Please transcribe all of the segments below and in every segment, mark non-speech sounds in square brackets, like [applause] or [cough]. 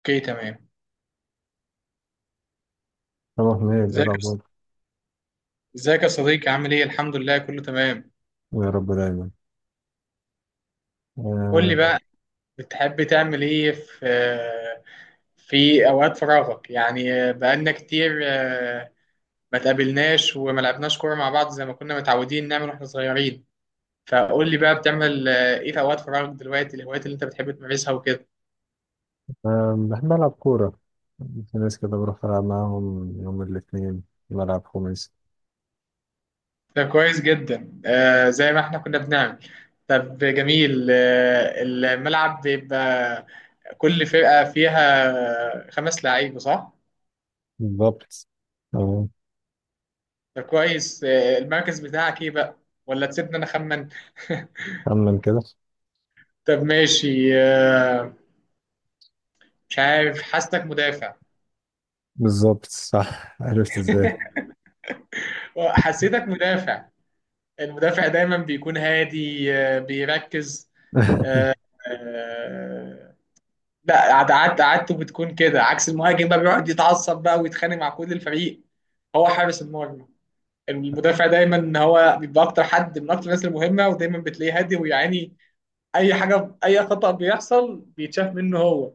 اوكي تمام. طبعا هي ازيك يا ص- الأخبار. ازيك يا صديقي، عامل ايه؟ الحمد لله كله تمام. يا رب دايما. قول لي أه بقى، بتحب تعمل ايه في اوقات فراغك؟ يعني بقالنا كتير ما تقابلناش وما لعبناش كوره مع بعض زي ما كنا متعودين نعمل واحنا صغيرين. فقول لي بقى، بتعمل ايه في اوقات فراغك دلوقتي؟ الهوايات اللي انت بتحب تمارسها وكده. آه، بحب ألعب كورة. في ناس كده بروح ألعب معاهم يوم الاثنين، بلعب خميس. ده كويس جدا، زي ما احنا كنا بنعمل. طب جميل، الملعب بيبقى كل فرقة فيها 5 لعيبة، صح؟ بالظبط، أه. ده كويس. المركز بتاعك ايه بقى؟ ولا تسيبني انا اخمن. خمن كده. [laughs] طب ماشي. مش عارف، حاسسك مدافع. بالظبط، صح، عرفت ازاي؟ حسيتك مدافع. المدافع دايما بيكون هادي، بيركز. [laughs] آه، لا عادته بتكون كده، عكس المهاجم بقى بيقعد يتعصب بقى ويتخانق مع كل الفريق هو حارس المرمى. المدافع دايما هو بيبقى اكتر حد، من اكتر الناس المهمه، ودايما بتلاقيه هادي ويعاني اي حاجه، اي خطأ بيحصل بيتشاف منه هو.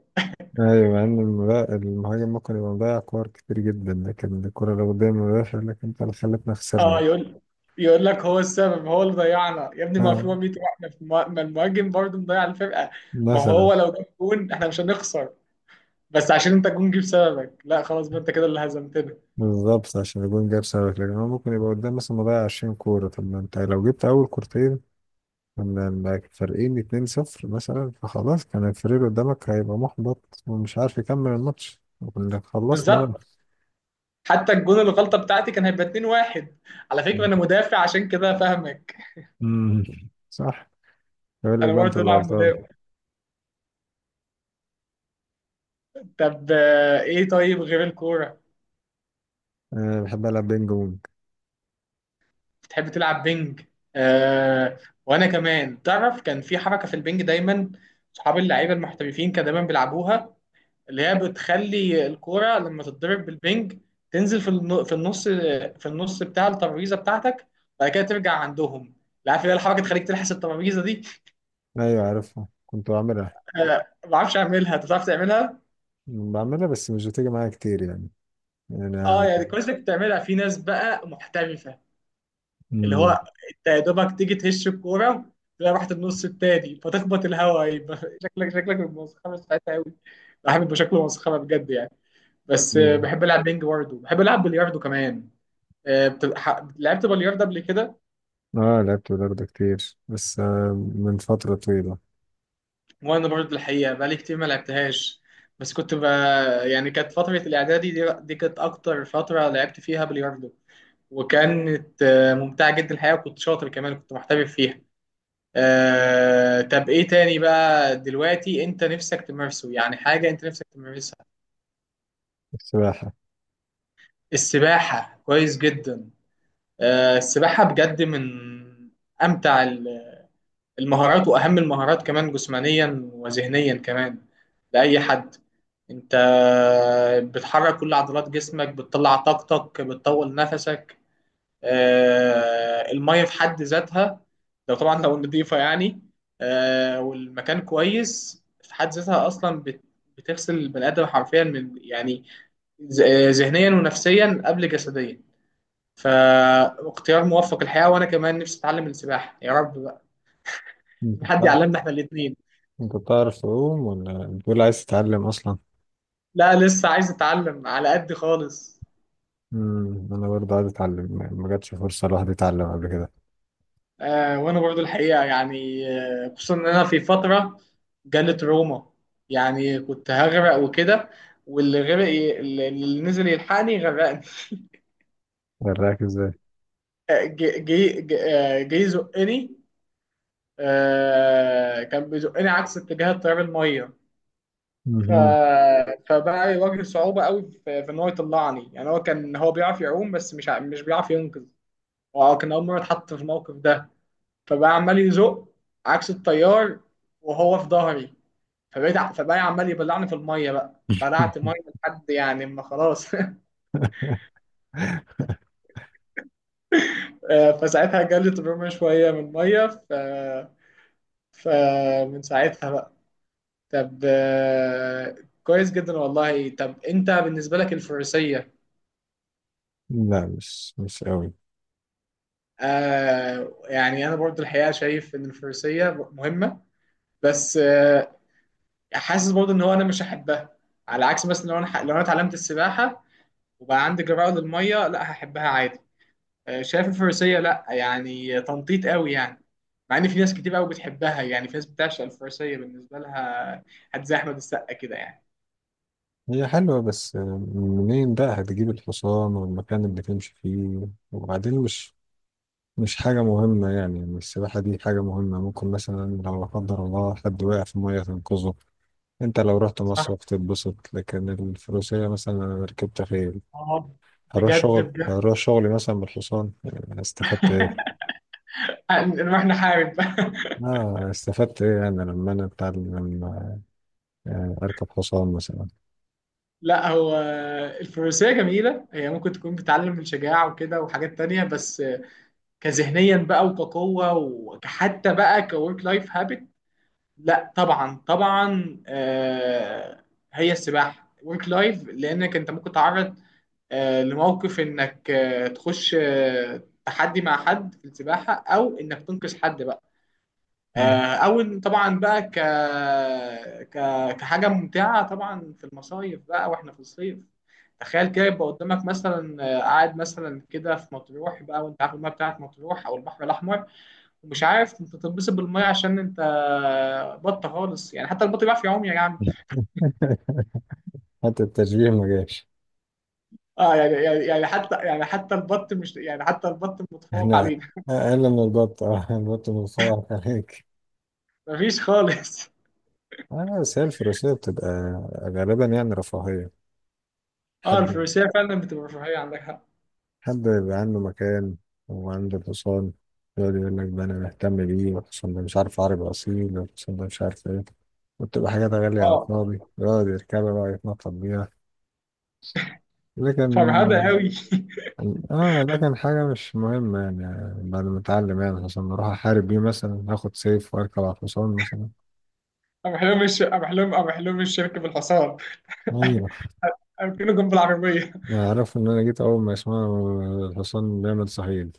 أيوة، مع إن المهاجم ممكن يبقى مضيع كور كتير جدا، لكن الكورة لو قدام المدافع، لكن أنت اللي خلتنا اه خسرنا. يقول، يقول لك هو السبب، هو اللي ضيعنا يا ابني، ما في أه، 100 واحد. ما المهاجم برضه مضيع الفرقه. ما مثلا. هو لو جاب جون احنا مش هنخسر، بس عشان انت الجون جه بسببك، لا خلاص بقى انت كده اللي هزمتنا. بالظبط، عشان الجون جاب سببك، لكن هو ممكن يبقى قدام مثلا مضيع 20 كورة. طب ما أنت لو جبت أول كورتين، كنا لما فارقين 2-0 مثلا، فخلاص كان الفريق اللي قدامك هيبقى محبط ومش عارف يكمل الماتش، وكنا خلصنا بقى. بالظبط. حتى الجون الغلطه بتاعتي كان هيبقى 2-1. على فكره انا مدافع عشان كده فاهمك. امم، صح. يقول لك انا بقى انت برضه اللي العب غلطان. مدافع. طب، ايه طيب غير الكوره؟ انا بحب العب بينج بونج. بتحب تلعب بينج. آه، وانا كمان تعرف كان في حركه في البينج دايما صحاب اللعيبه المحترفين كانوا دايما بيلعبوها، اللي هي بتخلي الكورة لما تتضرب بالبنج تنزل في في النص، في النص بتاع الترابيزة بتاعتك، بعد كده ترجع عندهم. لا، عارف اللي هي الحركة تخليك تلحس الترابيزة دي. ايوه عارفها، كنت بعملها. ما بعرفش اعملها، انت بتعرف تعملها. بعملها بس مش بتيجي معايا كتير يعني. اه انا. يعني كويس انك بتعملها، في ناس بقى محترفة اللي هو امم. انت يا دوبك تيجي تهش الكورة تلاقي رحت النص التاني فتخبط الهوا يبقى [laughs] شكلك مسخرة ساعتها قوي. بحب شكله مسخرة بجد يعني. بس بحب العب بينج، برضه بحب العب بلياردو كمان. بتبقى لعبت بلياردة قبل كده؟ اه لعبت بلياردو كتير، بس من فترة طويلة. وانا برضه الحقيقه بقالي كتير ما لعبتهاش. بس كنت ب... يعني كانت فتره الاعدادي دي كانت اكتر فتره لعبت فيها بلياردو. وكانت ممتعه جدا الحقيقه، وكنت شاطر كمان، كنت محترف فيها. طب ايه تاني بقى دلوقتي انت نفسك تمارسه؟ يعني حاجه انت نفسك تمارسها. السباحة. السباحه كويس جدا. السباحه بجد من امتع المهارات واهم المهارات كمان، جسمانيا وذهنيا كمان، لاي حد. انت بتحرك كل عضلات جسمك، بتطلع طاقتك، بتطول نفسك. المية في حد ذاتها، لو طبعا لو نضيفة يعني. والمكان كويس في حد ذاتها، اصلا بتغسل البني ادم حرفيا من يعني، ذهنيا ونفسيا قبل جسديا. فاختيار موفق الحقيقة. وانا كمان نفسي اتعلم السباحة يا رب بقى، انت حد بتعرف. يعلمنا احنا الاتنين. انت بتعرف تعوم ولا بتقول عايز تتعلم اصلا؟ لا لسه عايز اتعلم على قد خالص. امم، انا برضه عايز اتعلم يعني، ما جاتش فرصه الواحد يتعلم قبل كده. وانا برضو الحقيقه يعني، خصوصا ان انا في فتره جالت روما، يعني كنت هغرق وكده، واللي غرق اللي نزل يلحقني غرقني. وراك ازاي؟ آه، جه جه- جه- جه يزقني. آه، كان بيزقني عكس اتجاه التيار الميه. ف... مهم. فبقى يواجه صعوبه قوي في ان هو يطلعني، يعني هو كان، هو بيعرف يعوم بس مش مش بيعرف ينقذ، وكان اول مره اتحط في الموقف ده. فبقى عمال يزق عكس التيار وهو في ظهري، فبقى عمال يبلعني في الميه، بقى بلعت ميه [laughs] لحد يعني ما خلاص. [laughs] فساعتها جالي تروما شويه من الميه. فمن ساعتها بقى. طب، كويس جدا والله. طب انت بالنسبه لك الفروسيه؟ لا، مش مش قوي. يعني انا برضو الحقيقه شايف ان الفروسيه مهمه، بس حاسس برضو ان هو انا مش هحبها. على عكس مثلا لو انا، لو انا اتعلمت السباحه وبقى عندي جرأة للمية، لا هحبها عادي. شايف الفروسية، لا يعني، تنطيط قوي يعني. مع ان في ناس كتير قوي بتحبها، يعني في ناس بتعشق الفروسية بالنسبة لها، هات زي احمد السقا كده يعني. هي حلوه بس منين بقى هتجيب الحصان والمكان اللي تمشي فيه؟ وبعدين مش، مش حاجه مهمه يعني. يعني السباحه دي حاجه مهمه، ممكن مثلا لو لا قدر الله حد وقع في ميه تنقذه. انت لو رحت صح. مصيف تتبسط، لكن الفروسيه مثلا، انا ركبت خيل. اه هروح بجد شغل، بجد، هروح شغلي مثلا بالحصان؟ يعني استفدت نروح نحارب. اه، استفدت ايه؟ انا لما انا اتعلم، لما اركب حصان مثلا. [laughs] لا هو الفروسية جميلة، هي ممكن تكون بتعلم الشجاعة وكده وحاجات تانية، بس كذهنيا بقى وكقوة وكحتى بقى كورك لايف هابت، لا طبعا طبعا. هي السباحه ورك لايف، لانك انت ممكن تعرض لموقف انك تخش تحدي مع حد في السباحه، او انك تنقذ حد بقى. مم. او إن طبعا بقى ك... ك كحاجه ممتعه طبعا في المصايف بقى واحنا في الصيف، تخيل كده يبقى قدامك مثلا، قاعد مثلا كده في مطروح بقى، وانت عارف الميه بتاعت مطروح او البحر الاحمر، مش عارف، انت تتبسط بالميه عشان انت بط خالص، يعني حتى البط بيعرف يعوم يا جدع. [laughs] حتى التشبيه ما جاش. اه، حتى البط مش يعني، حتى البط متفوق انا علينا. [laughs] اقل من البط، اه البط متفوق عليك. مفيش خالص. اه بس هي الفروسية بتبقى غالبا يعني رفاهية. اه حد، الفروسيه فعلا بتبقى رفاهيه، عندك حق. حد يبقى عنده مكان وعنده الحصان، يقعد يقول لك ده انا مهتم بيه، والحصان ده مش عارف عربي اصيل، والحصان ده مش عارف ايه. وبتبقى حاجات غالية على اه الفاضي يقعد يركبها بقى، يتنطط بيها. فرهده لكن قوي. [laughs] اه، ده كان حاجة مش مهمة يعني. بعد ما اتعلم يعني، عشان اروح احارب بيه مثلا، هاخد سيف واركب على الحصان مثلا. انا حلم الشركه بالحصان. ايوه. [laughs] أركنه جنب العربية. عرفوا ان انا جيت، اول ما يسمعوا الحصان بيعمل صهيل.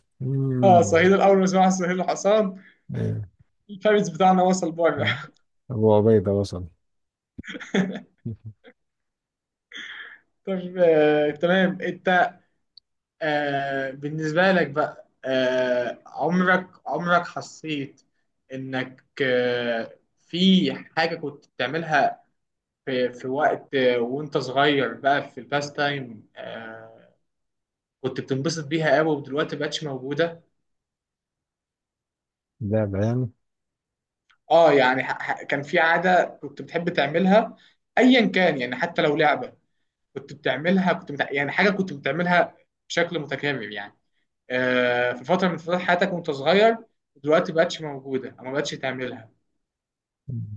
اه أمم، صهيل، الأول ما سمعها صهيل الحصان ايوه. الفارس بتاعنا وصل بره. ابو عبيدة وصل. [laughs] طب، تمام. أنت بالنسبة لك بقى، عمرك حسيت إنك في حاجة كنت بتعملها في، وقت وأنت صغير بقى، في الباست تايم، كنت بتنبسط بيها قوي، ودلوقتي مبقتش موجودة؟ لعب يعني؟ يعني كان في عادة كنت بتحب تعملها، أيا كان يعني حتى لو لعبة، كنت بتعملها، يعني حاجة كنت بتعملها بشكل متكرر يعني، في فتره من فترات حياتك وانت صغير، دلوقتي ما بقتش موجوده او ما بقتش تعملها،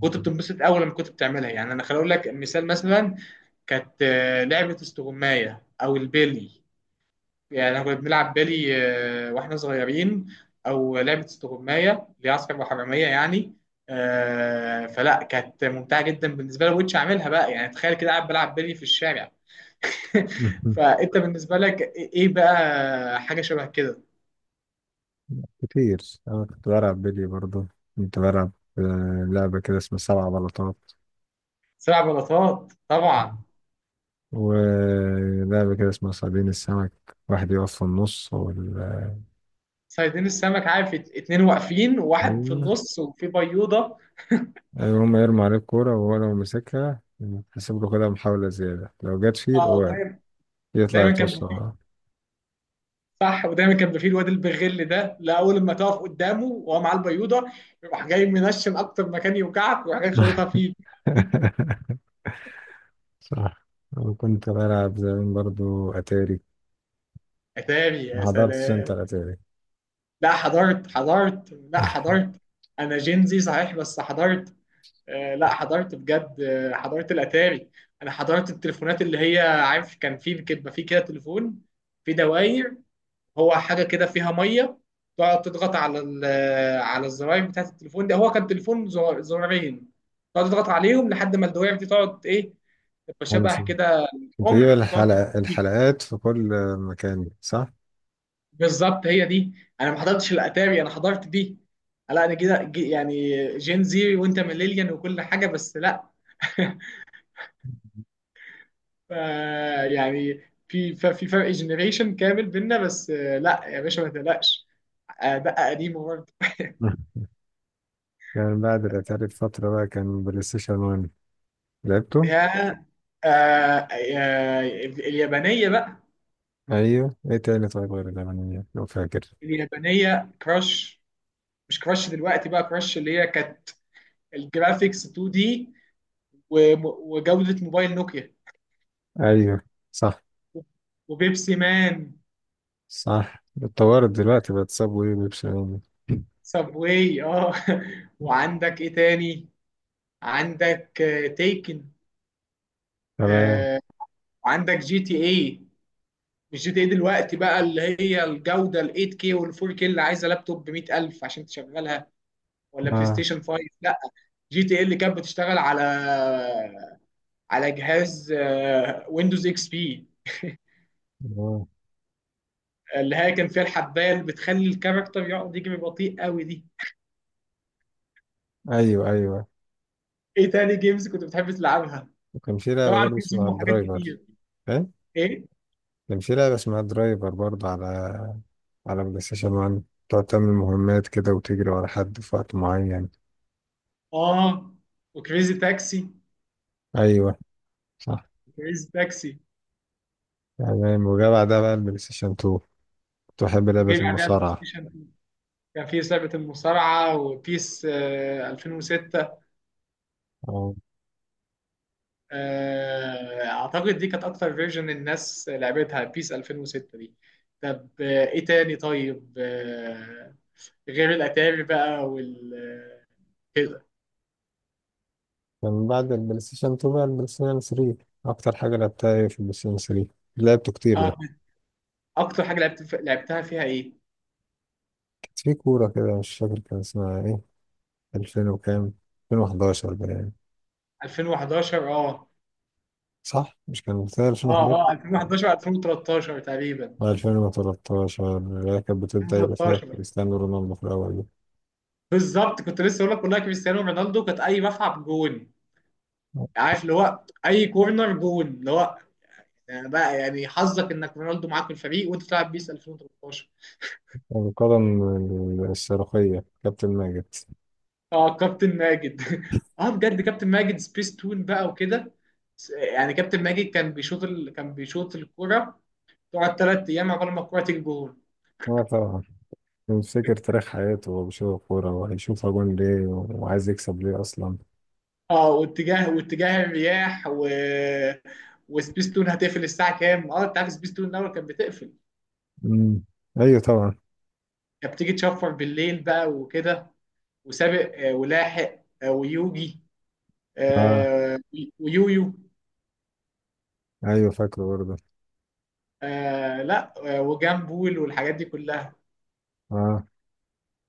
كنت بتنبسط اول لما كنت بتعملها. يعني انا خليني اقول لك مثال، مثلا كانت لعبه استغمايه او البيلي، يعني احنا كنا بنلعب بيلي واحنا صغيرين، او لعبه استغمايه اللي هي عسكر وحراميه يعني، فلا كانت ممتعه جدا بالنسبه لي. ما كنتش اعملها بقى يعني، تخيل كده قاعد بلعب بيلي في الشارع. [laughs] [laughs] فانت بالنسبه لك ايه بقى حاجه شبه كده؟ كتير. انا كنت بلعب بيلي برضه. كنت بلعب لعبة كده اسمها سبع بلاطات، سبع بلاطات، طبعا. ولعبة كده اسمها صيادين السمك. واحد يقف في النص وال... صيادين السمك، عارف، اتنين واقفين وواحد في أيوه. النص وفي بيوضه. ايوه، هما يرموا عليه الكورة وهو لو مسكها يحسب له كده محاولة زيادة، لو جت فيه يبقى اه واقع، دايما، يطلع دايما كان بيبقى فيه، يتوسع. صح. ودايما كان بيبقى فيه الواد البغل ده، لا اول ما تقف قدامه وهو معاه البيوضه يروح جاي منشن اكتر مكان يوجعك ويروح جاي خبطها فيه. [laughs] صح. وكنت بلعب زمان برضو أتاري. اتاري، ما يا حضرتش أنت سلام. الأتاري؟ لا حضرت، حضرت لا حضرت. انا جينزي صحيح بس حضرت. لا حضرت بجد، حضرت الاتاري. انا حضرت التليفونات اللي هي، عارف، كان في بيبقى في كده تليفون في دواير، هو حاجه كده فيها ميه، تقعد تضغط على على الزراير بتاعت التليفون ده، هو كان تليفون زرارين، تقعد تضغط عليهم لحد ما الدوائر دي تقعد ايه، تبقى شبه خمسة. كده كنت بجيب قمع وتقعد الحلق... تحط فيه. الحلقات في كل مكان، صح؟ بالظبط هي دي. انا ما حضرتش الاتاري انا حضرت دي. لا انا كده يعني جين زيري وانت ميلينيال وكل حاجه، بس لا. [laughs] ف- يعني في في فرق جنريشن كامل بينا، بس لا يا باشا ما تقلقش. ده قديم. [laughs] كان بعد الأتاري بفترة بقى كان بلاي ستيشن 1. لعبته؟ يا يا اليابانية بقى. أيوه، إيه تاني طيب غير الألمانية لو فاكر؟ اليابانية، كراش. مش كراش دلوقتي بقى، كراش اللي هي كانت الجرافيكس 2 دي، وجودة موبايل نوكيا، أيوه، صح. وبيبسي مان. صح، اتطورت دلوقتي بقت صابوي وبيبسي. سابواي، اه. [laughs] وعندك ايه تاني؟ عندك تيكن. تمام. آه، وعندك جي تي اي. مش جي تي اي دلوقتي بقى اللي هي الجودة ال 8K وال 4K اللي عايزة لابتوب ب 100000 عشان تشغلها، ولا بلاي اه. ستيشن 5، لا. جي تي اللي كانت بتشتغل على جهاز ويندوز اكس بي، آه. اللي هي كان فيها الحبايه اللي بتخلي الكاركتر يقعد يجري بطيء قوي دي. ايوه، ايوه. ايه تاني جيمز كنت بتحب تلعبها؟ وكان في لعبه طبعا برضه في زوم اسمها وحاجات درايفر. كتير. فاهم. ايه؟ كان في لعبه اسمها درايفر برضه على، على بلاي ستيشن 1، تقعد تعمل مهمات كده وتجري ورا حد في وقت معين. اه وكريزي تاكسي. ايوه، صح. كريزي تاكسي. تمام، وجا بعدها بقى البلاي ستيشن 2، كنت بحب لعبه وجيم عليها بلاي المصارعه. ستيشن 2، كان في لعبه المصارعه، وبيس 2006. اه. اعتقد دي كانت اكتر فيرجن الناس لعبتها بيس 2006 دي. طب، ايه تاني طيب، غير الاتاري بقى وال كده. كان بعد البلاي ستيشن 2 بقى البلاي ستيشن 3. اكتر حاجه لعبتها ايه في البلاي ستيشن 3؟ لعبته كتير ده. اه. اكتر حاجه لعبت لعبتها فيها ايه؟ كانت في كوره كده مش فاكر كان اسمها ايه. 2000 وكام؟ 2011 بقى يعني. 2011. اه صح، مش كان اه 2011؟ اه، 2011، 2013 تقريبا. 2013، اللي هي كانت بتبدأ يبقى فيها 2013 كريستيانو رونالدو في الأول دي. بالظبط، كنت لسه اقول لك والله كريستيانو رونالدو كانت اي ملعب جون، عارف اللي هو اي كورنر جون، اللي هو يعني بقى، يعني حظك انك رونالدو معاك في الفريق وانت بتلعب بيس 2013. القدم الصاروخية كابتن ماجد. اه، كابتن ماجد. [laughs] اه بجد، كابتن ماجد سبيس تون بقى وكده، يعني كابتن ماجد كان كان بيشوط الكرة تقعد 3 ايام عقبال ما الكرة تيجي جون. اه، طبعا. بيفتكر تاريخ حياته وهو بيشوف الكورة، وهيشوفها جون ليه وعايز يكسب ليه أصلا. اه واتجاه الرياح، وسبيس تون هتقفل الساعة كام، اه انت عارف سبيس تون الاول كانت بتقفل، مم. أيوه طبعا. كانت بتيجي تشفر بالليل بقى وكده. وسابق ولاحق ويوجي اه. آه، ويويو أيوه فاكره برضه. لا وجامبول والحاجات دي كلها. اه